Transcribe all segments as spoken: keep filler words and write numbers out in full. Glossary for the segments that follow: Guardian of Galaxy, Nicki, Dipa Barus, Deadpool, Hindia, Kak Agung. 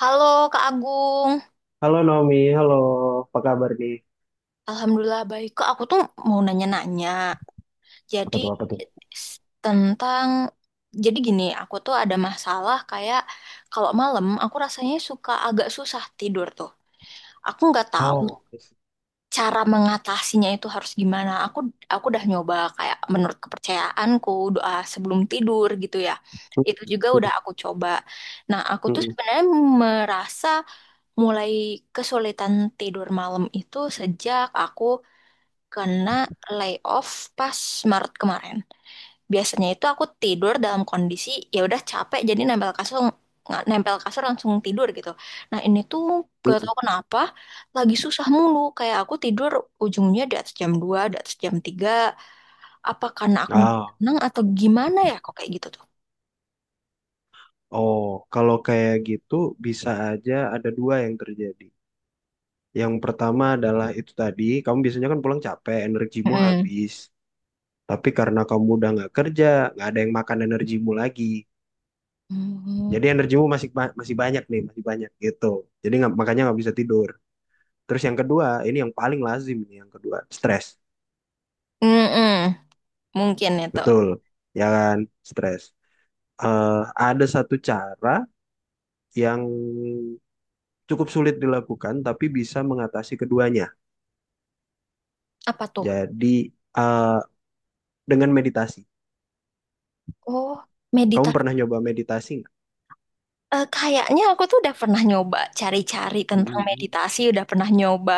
Halo Kak Agung, Halo Naomi, halo. Apa kabar nih? Alhamdulillah baik. Kak, aku tuh mau nanya-nanya. Apa Jadi tuh, apa tuh? s- tentang, jadi gini, aku tuh ada masalah kayak kalau malam aku rasanya suka agak susah tidur tuh. Aku nggak tahu Oh, I see. cara mengatasinya itu harus gimana. Aku aku udah nyoba kayak menurut kepercayaanku doa sebelum tidur gitu ya. Mm, Itu juga udah aku coba. Nah, aku mm, tuh mm, sebenarnya merasa mulai kesulitan tidur malam itu sejak aku kena layoff pas Maret kemarin. Biasanya itu aku tidur dalam kondisi ya udah capek jadi nempel kasur nga- nempel kasur langsung tidur gitu. Nah, ini tuh mm. gak mm. tau kenapa lagi susah mulu kayak aku tidur ujungnya di atas jam dua, di atas jam tiga. Apa karena aku Ah, tenang atau gimana ya kok kayak gitu tuh. oh, Kalau kayak gitu bisa aja ada dua yang terjadi. Yang pertama adalah itu tadi, kamu biasanya kan pulang capek, energimu Mm. habis. Tapi karena kamu udah nggak kerja, nggak ada yang makan energimu lagi. Mm. Jadi energimu masih ba- masih banyak nih, masih banyak gitu. Jadi nggak, makanya nggak bisa tidur. Terus yang kedua, ini yang paling lazim nih, yang kedua, stres. Mm-mm. Mungkin itu. Betul, ya kan? Stres. eh, ada satu cara yang cukup sulit dilakukan, tapi bisa mengatasi keduanya. Apa tuh? Jadi, eh, dengan meditasi. Oh, Kamu meditasi. pernah nyoba meditasi nggak? Eh, kayaknya aku tuh udah pernah nyoba cari-cari Mm, tentang mm, meditasi, udah pernah nyoba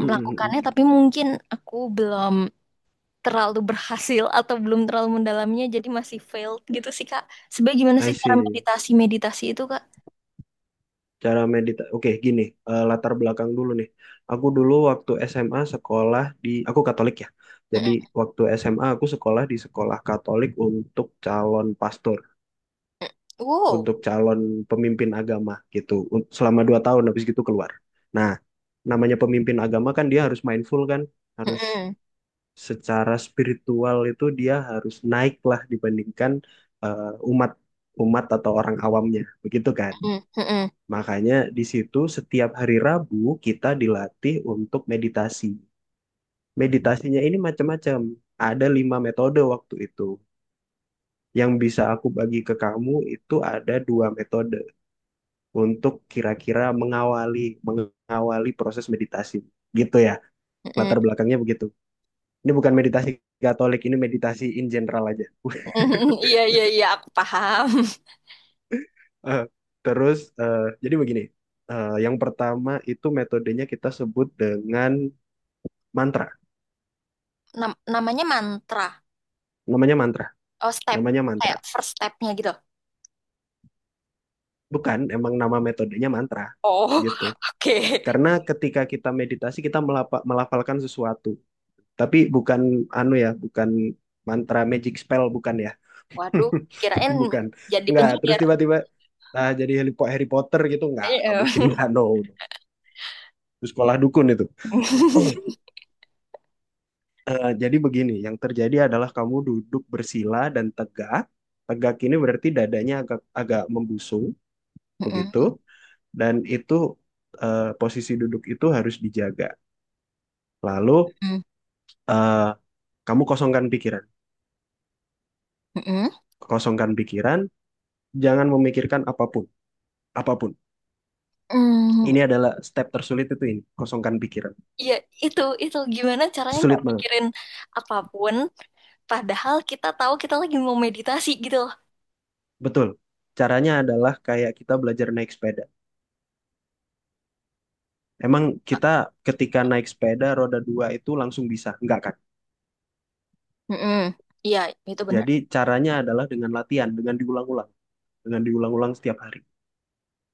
mm, mm, mm, mm. melakukannya, tapi mungkin aku belum terlalu berhasil atau belum terlalu mendalamnya, jadi masih failed gitu sih, Kak. Sebenarnya gimana I sih cara see. meditasi-meditasi itu, Kak? Cara meditasi. Oke, gini. Eh, latar belakang dulu nih. Aku dulu waktu S M A sekolah di... Aku Katolik ya. Jadi, Mm-mm. waktu S M A aku sekolah di sekolah Katolik untuk calon pastor. Wow. Untuk calon pemimpin agama gitu Un- selama dua tahun habis gitu keluar. Nah, namanya pemimpin agama kan dia harus mindful kan, harus Mm-mm. secara spiritual itu dia harus naik lah dibandingkan eh, umat umat atau orang awamnya, begitu kan? Mm-mm. Mm-mm. Makanya di situ setiap hari Rabu kita dilatih untuk meditasi. Meditasinya ini macam-macam. Ada lima metode waktu itu. Yang bisa aku bagi ke kamu itu ada dua metode. Untuk kira-kira mengawali mengawali proses meditasi gitu ya, Mm-mm. latar belakangnya begitu. Ini bukan meditasi Katolik, ini meditasi in general aja. Iya, iya, iya, aku paham. Eh, terus eh, jadi begini, eh, yang pertama itu metodenya kita sebut dengan mantra. Nam- namanya mantra. Namanya mantra Oh, step. namanya mantra Kayak first stepnya gitu. Bukan emang nama metodenya mantra Oh, gitu, oke. karena ketika kita meditasi kita melapa- melafalkan sesuatu, tapi bukan anu ya, bukan mantra magic spell, bukan ya. Waduh, kirain Bukan. jadi Nggak terus penyiar. tiba-tiba ah, jadi Harry Po- Harry Potter gitu. nggak Eh, nggak eh. mungkin. Nggak, no. No. Itu sekolah dukun itu. Mm-mm, Eh, jadi begini, yang terjadi adalah kamu duduk bersila dan tegak. Tegak ini berarti dadanya agak agak membusung, begitu. mm-mm, Dan itu eh, posisi duduk itu harus dijaga. Lalu eh, kamu kosongkan pikiran, mm-mm. kosongkan pikiran. Jangan memikirkan apapun, apapun. Mm, Ini adalah step tersulit itu ini, kosongkan pikiran. iya, itu itu gimana caranya nggak Sulit banget. mikirin apapun, padahal kita tahu kita lagi mau meditasi gitu loh. Betul. Caranya adalah kayak kita belajar naik sepeda. Emang kita ketika naik sepeda roda dua itu langsung bisa? Enggak kan? Mm-mm. Iya, itu benar. Jadi caranya adalah dengan latihan, dengan diulang-ulang, dengan diulang-ulang setiap hari.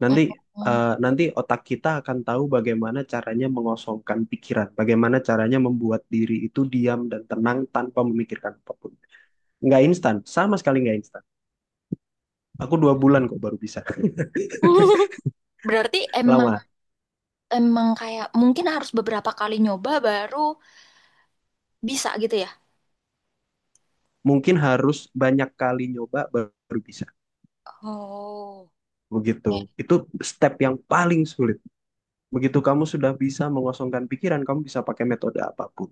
Nanti Mm. Eh, nanti otak kita akan tahu bagaimana caranya mengosongkan pikiran, bagaimana caranya membuat diri itu diam dan tenang tanpa memikirkan apapun. Nggak instan, sama sekali nggak instan. Aku dua bulan kok baru bisa. Berarti emang Lama. emang kayak mungkin harus beberapa kali nyoba baru bisa gitu ya? Mungkin harus banyak kali nyoba baru bisa. Oh. Begitu. Itu step yang paling sulit. Begitu kamu sudah bisa mengosongkan pikiran, kamu bisa pakai metode apapun.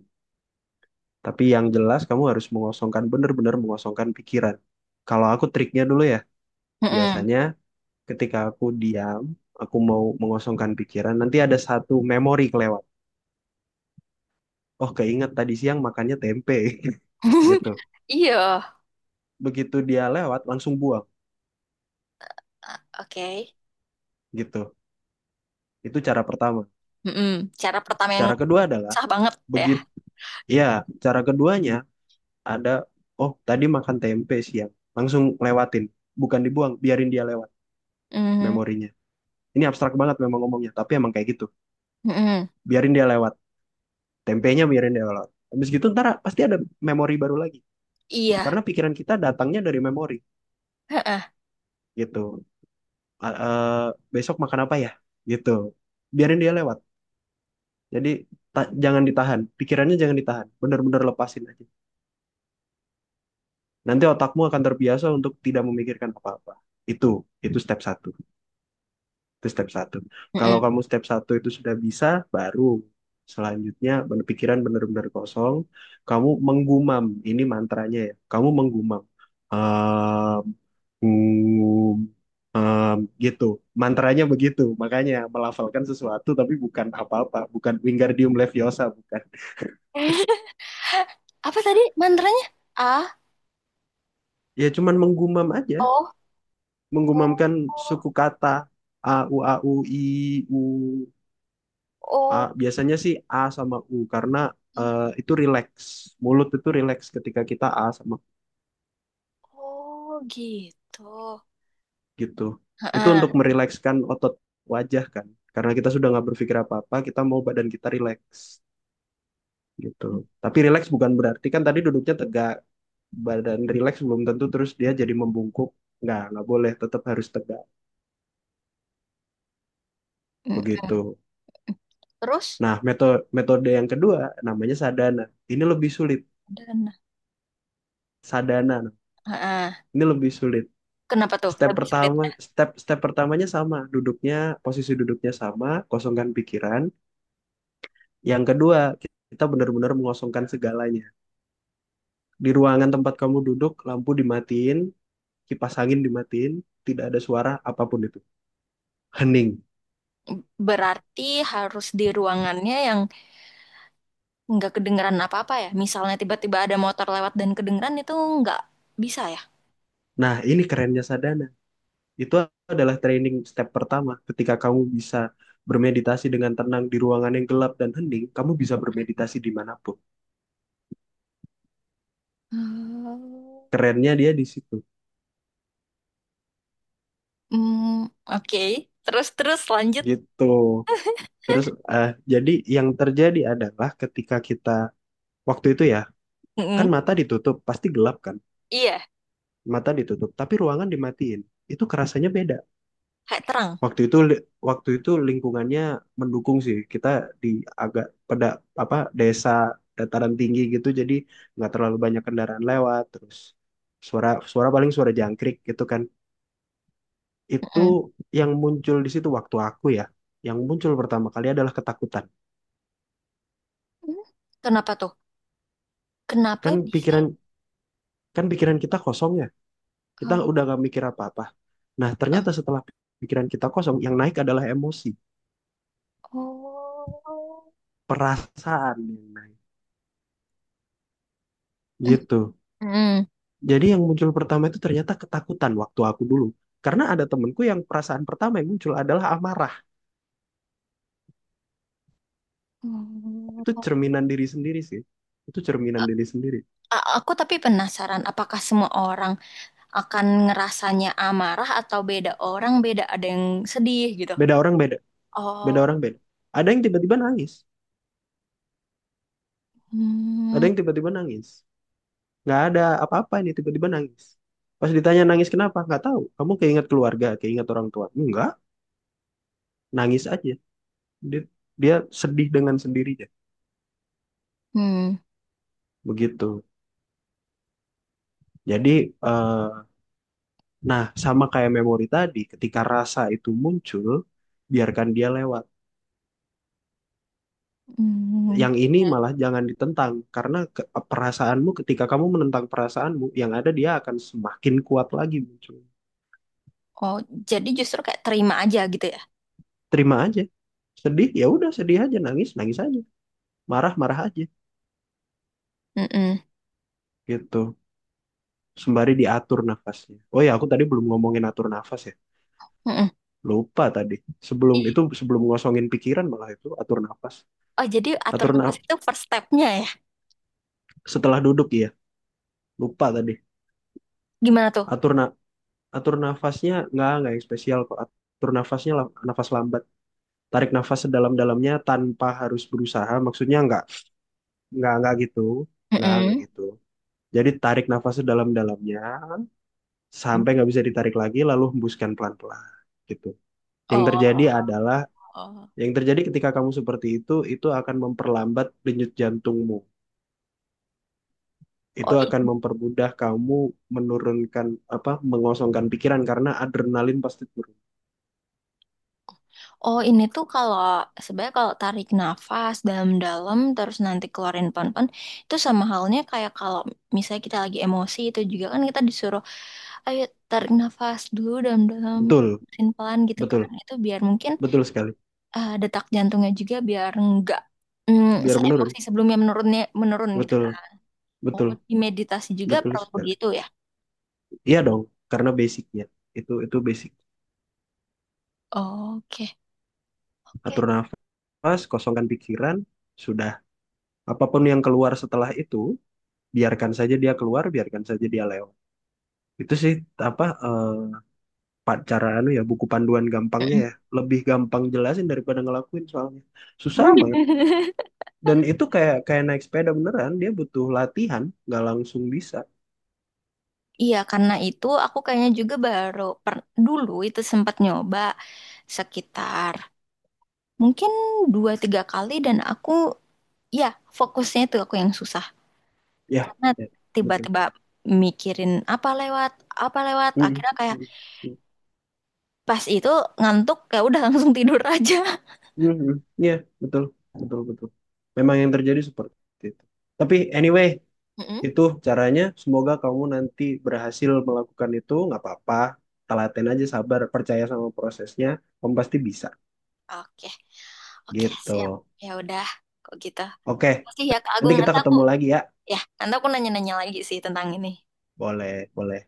Tapi yang jelas kamu harus mengosongkan, benar-benar mengosongkan pikiran. Kalau aku triknya dulu ya, Mm-mm. biasanya ketika aku diam, aku mau mengosongkan pikiran, nanti ada satu memori kelewat. Oh, keinget tadi siang makannya tempe, gitu. Iya. Begitu dia lewat, langsung buang, Ah, oke. gitu. Itu cara pertama. Mm-mm. Cara pertama yang Cara kedua adalah, sah banget ya. begitu, ya, cara keduanya ada, oh tadi makan tempe siang langsung lewatin, bukan dibuang, biarin dia lewat Mm-mm. memorinya. Ini abstrak banget memang ngomongnya, tapi emang kayak gitu, Mm-mm. biarin dia lewat, tempenya biarin dia lewat. Habis gitu ntar pasti ada memori baru lagi, Iya. karena pikiran kita datangnya dari memori Heeh. gitu. A- eh, Besok makan apa ya, gitu, biarin dia lewat. Jadi ta- jangan ditahan pikirannya, jangan ditahan, bener-bener lepasin aja. Nanti otakmu akan terbiasa untuk tidak memikirkan apa-apa. itu itu step satu. Itu step satu. Kalau kamu step satu itu sudah bisa, baru selanjutnya bener- pikiran benar-benar kosong. Kamu menggumam, ini mantranya ya. Kamu menggumam. Ehm, hmm, gitu. Mantranya begitu. Makanya melafalkan sesuatu tapi bukan apa-apa. Bukan Wingardium Leviosa, bukan. Apa tadi mantranya? A, Ya cuman menggumam aja. O, O, Menggumamkan O, suku kata. A, U, A, U, I, U. A, O, biasanya sih A sama U, karena eh, itu relax. Mulut itu relax ketika kita A sama U oh, gitu. gitu. Itu Heeh. untuk merilekskan otot wajah kan. Karena kita sudah nggak berpikir apa-apa, kita mau badan kita relax gitu. Tapi relax bukan berarti kan tadi duduknya tegak. Badan relax belum tentu terus dia jadi membungkuk. Nggak, nggak boleh, tetap harus tegak. Mm. Begitu. Terus, Nah, metode metode yang kedua namanya sadhana. Ini lebih sulit. dan Sadhana. heeh. Ini lebih sulit. Kenapa tuh Step lebih pertama, sulitnya? step step pertamanya sama, duduknya, posisi duduknya sama, kosongkan pikiran. Yang kedua, kita benar-benar mengosongkan segalanya. Di ruangan tempat kamu duduk, lampu dimatiin, kipas angin dimatiin, tidak ada suara apapun itu. Hening. Berarti harus di ruangannya yang nggak kedengeran apa-apa ya. Misalnya tiba-tiba ada motor lewat dan kedengeran itu nggak bisa ya. Nah, ini kerennya sadhana. Itu adalah training step pertama. Ketika kamu bisa bermeditasi dengan tenang di ruangan yang gelap dan hening, kamu bisa bermeditasi dimanapun. Hmm. Kerennya dia di situ. Hmm, oke. Terus, terus lanjut. Gitu. Terus eh jadi yang terjadi adalah ketika kita waktu itu ya, kan Mm-mm. mata ditutup, pasti gelap kan? Iya, Mata ditutup, tapi ruangan dimatiin. Itu kerasanya beda. kayak terang. Waktu itu li- Waktu itu lingkungannya mendukung sih. Kita di agak pada apa desa dataran tinggi gitu, jadi nggak terlalu banyak kendaraan lewat. Terus suara suara paling suara jangkrik gitu kan. Itu Mm-mm. yang muncul di situ waktu aku ya. Yang muncul pertama kali adalah ketakutan. Kenapa tuh? Kenapa Kan bisa? pikiran Kan pikiran kita kosong ya. Kita Oh, udah gak mikir apa-apa. Nah, eh, ternyata setelah pikiran kita kosong, yang naik adalah emosi, oh. perasaan yang naik. Mm, Gitu. mm. Jadi yang muncul pertama itu ternyata ketakutan waktu aku dulu. Karena ada temenku yang perasaan pertama yang muncul adalah amarah. Hmm. Itu cerminan diri sendiri sih. Itu cerminan diri sendiri. A- Aku tapi penasaran, apakah semua orang akan ngerasanya amarah atau beda orang, beda ada yang sedih gitu. Beda orang beda. Beda Oh, orang beda. Ada yang tiba-tiba nangis. Ada hmm, yang tiba-tiba nangis. Nggak ada apa-apa ini tiba-tiba nangis. Pas ditanya nangis kenapa? Nggak tahu. Kamu keinget keluarga, keinget orang tua. Enggak, nangis aja. dia, Dia sedih dengan sendirinya, hmm, begitu. Jadi eh, nah sama kayak memori tadi, ketika rasa itu muncul, biarkan dia lewat. hmm. Yang ini malah jangan ditentang, karena ke- perasaanmu ketika kamu menentang perasaanmu yang ada, dia akan semakin kuat lagi muncul. Oh, jadi justru kayak terima aja gitu ya. Terima aja, sedih ya udah sedih aja, nangis nangis aja, marah marah aja, Mm-mm, gitu. Sembari diatur nafasnya, oh ya aku tadi belum ngomongin atur nafas ya, mm-mm. lupa tadi. Sebelum itu, sebelum ngosongin pikiran malah itu atur nafas. Oh, jadi atur atur nafas na- itu first step-nya ya? Setelah duduk ya, lupa tadi. Gimana tuh? atur na- Atur nafasnya, nggak nggak yang spesial kok atur nafasnya, la- nafas lambat. Tarik nafas sedalam-dalamnya tanpa harus berusaha, maksudnya nggak nggak nggak gitu, nggak nggak Mm-mm. gitu. Jadi tarik nafas sedalam-dalamnya sampai nggak bisa ditarik lagi, lalu hembuskan pelan-pelan gitu. Yang terjadi Oh, adalah, yang terjadi ketika kamu seperti itu itu akan memperlambat denyut jantungmu, oh, itu akan iya. mempermudah kamu menurunkan apa mengosongkan pikiran karena adrenalin pasti turun. Oh, ini tuh kalau sebenarnya kalau tarik nafas dalam-dalam terus nanti keluarin pon-pon itu sama halnya kayak kalau misalnya kita lagi emosi itu juga kan kita disuruh ayo tarik nafas dulu dalam-dalam Betul, mesin pelan gitu betul, kan. Itu biar mungkin, betul sekali. eh, detak jantungnya juga biar enggak, mm, Biar se-emosi menurun. sebelumnya menurunnya menurun gitu Betul, kan. Oh, betul, di meditasi juga betul perlu sekali. begitu ya. Iya dong, karena basicnya itu itu basic. Oke. Oke. Atur nafas, kosongkan pikiran, sudah. Apapun yang keluar setelah itu, biarkan saja dia keluar, biarkan saja dia lewat. Itu sih apa eh, pa- cara anu ya, buku panduan gampangnya Mm-mm. ya. Lebih gampang jelasin daripada ngelakuin soalnya. Susah banget. Dan itu kayak kayak naik sepeda beneran, dia butuh latihan nggak langsung bisa. Iya, karena itu aku kayaknya juga baru per- dulu itu sempat nyoba sekitar mungkin dua tiga kali dan aku, ya fokusnya itu aku yang susah Ya, karena ya, betul. tiba-tiba mikirin apa lewat apa lewat Mm-mm. akhirnya kayak pas itu ngantuk kayak udah langsung tidur aja. Mm-mm. Ya, betul betul betul, memang yang terjadi seperti itu. Tapi anyway, Mm-mm. itu caranya. Semoga kamu nanti berhasil melakukan itu, nggak apa-apa, telaten aja, sabar, percaya sama prosesnya, kamu pasti bisa, Oke, oke gitu. siap. Ya udah kok gitu. Oke, Makasih ya Kak nanti Agung, kita nanti aku ketemu lagi ya. ya nanti aku nanya-nanya lagi sih tentang ini. Boleh, boleh.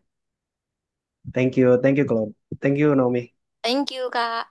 Thank you, thank you Claude, thank you Naomi. Thank you Kak.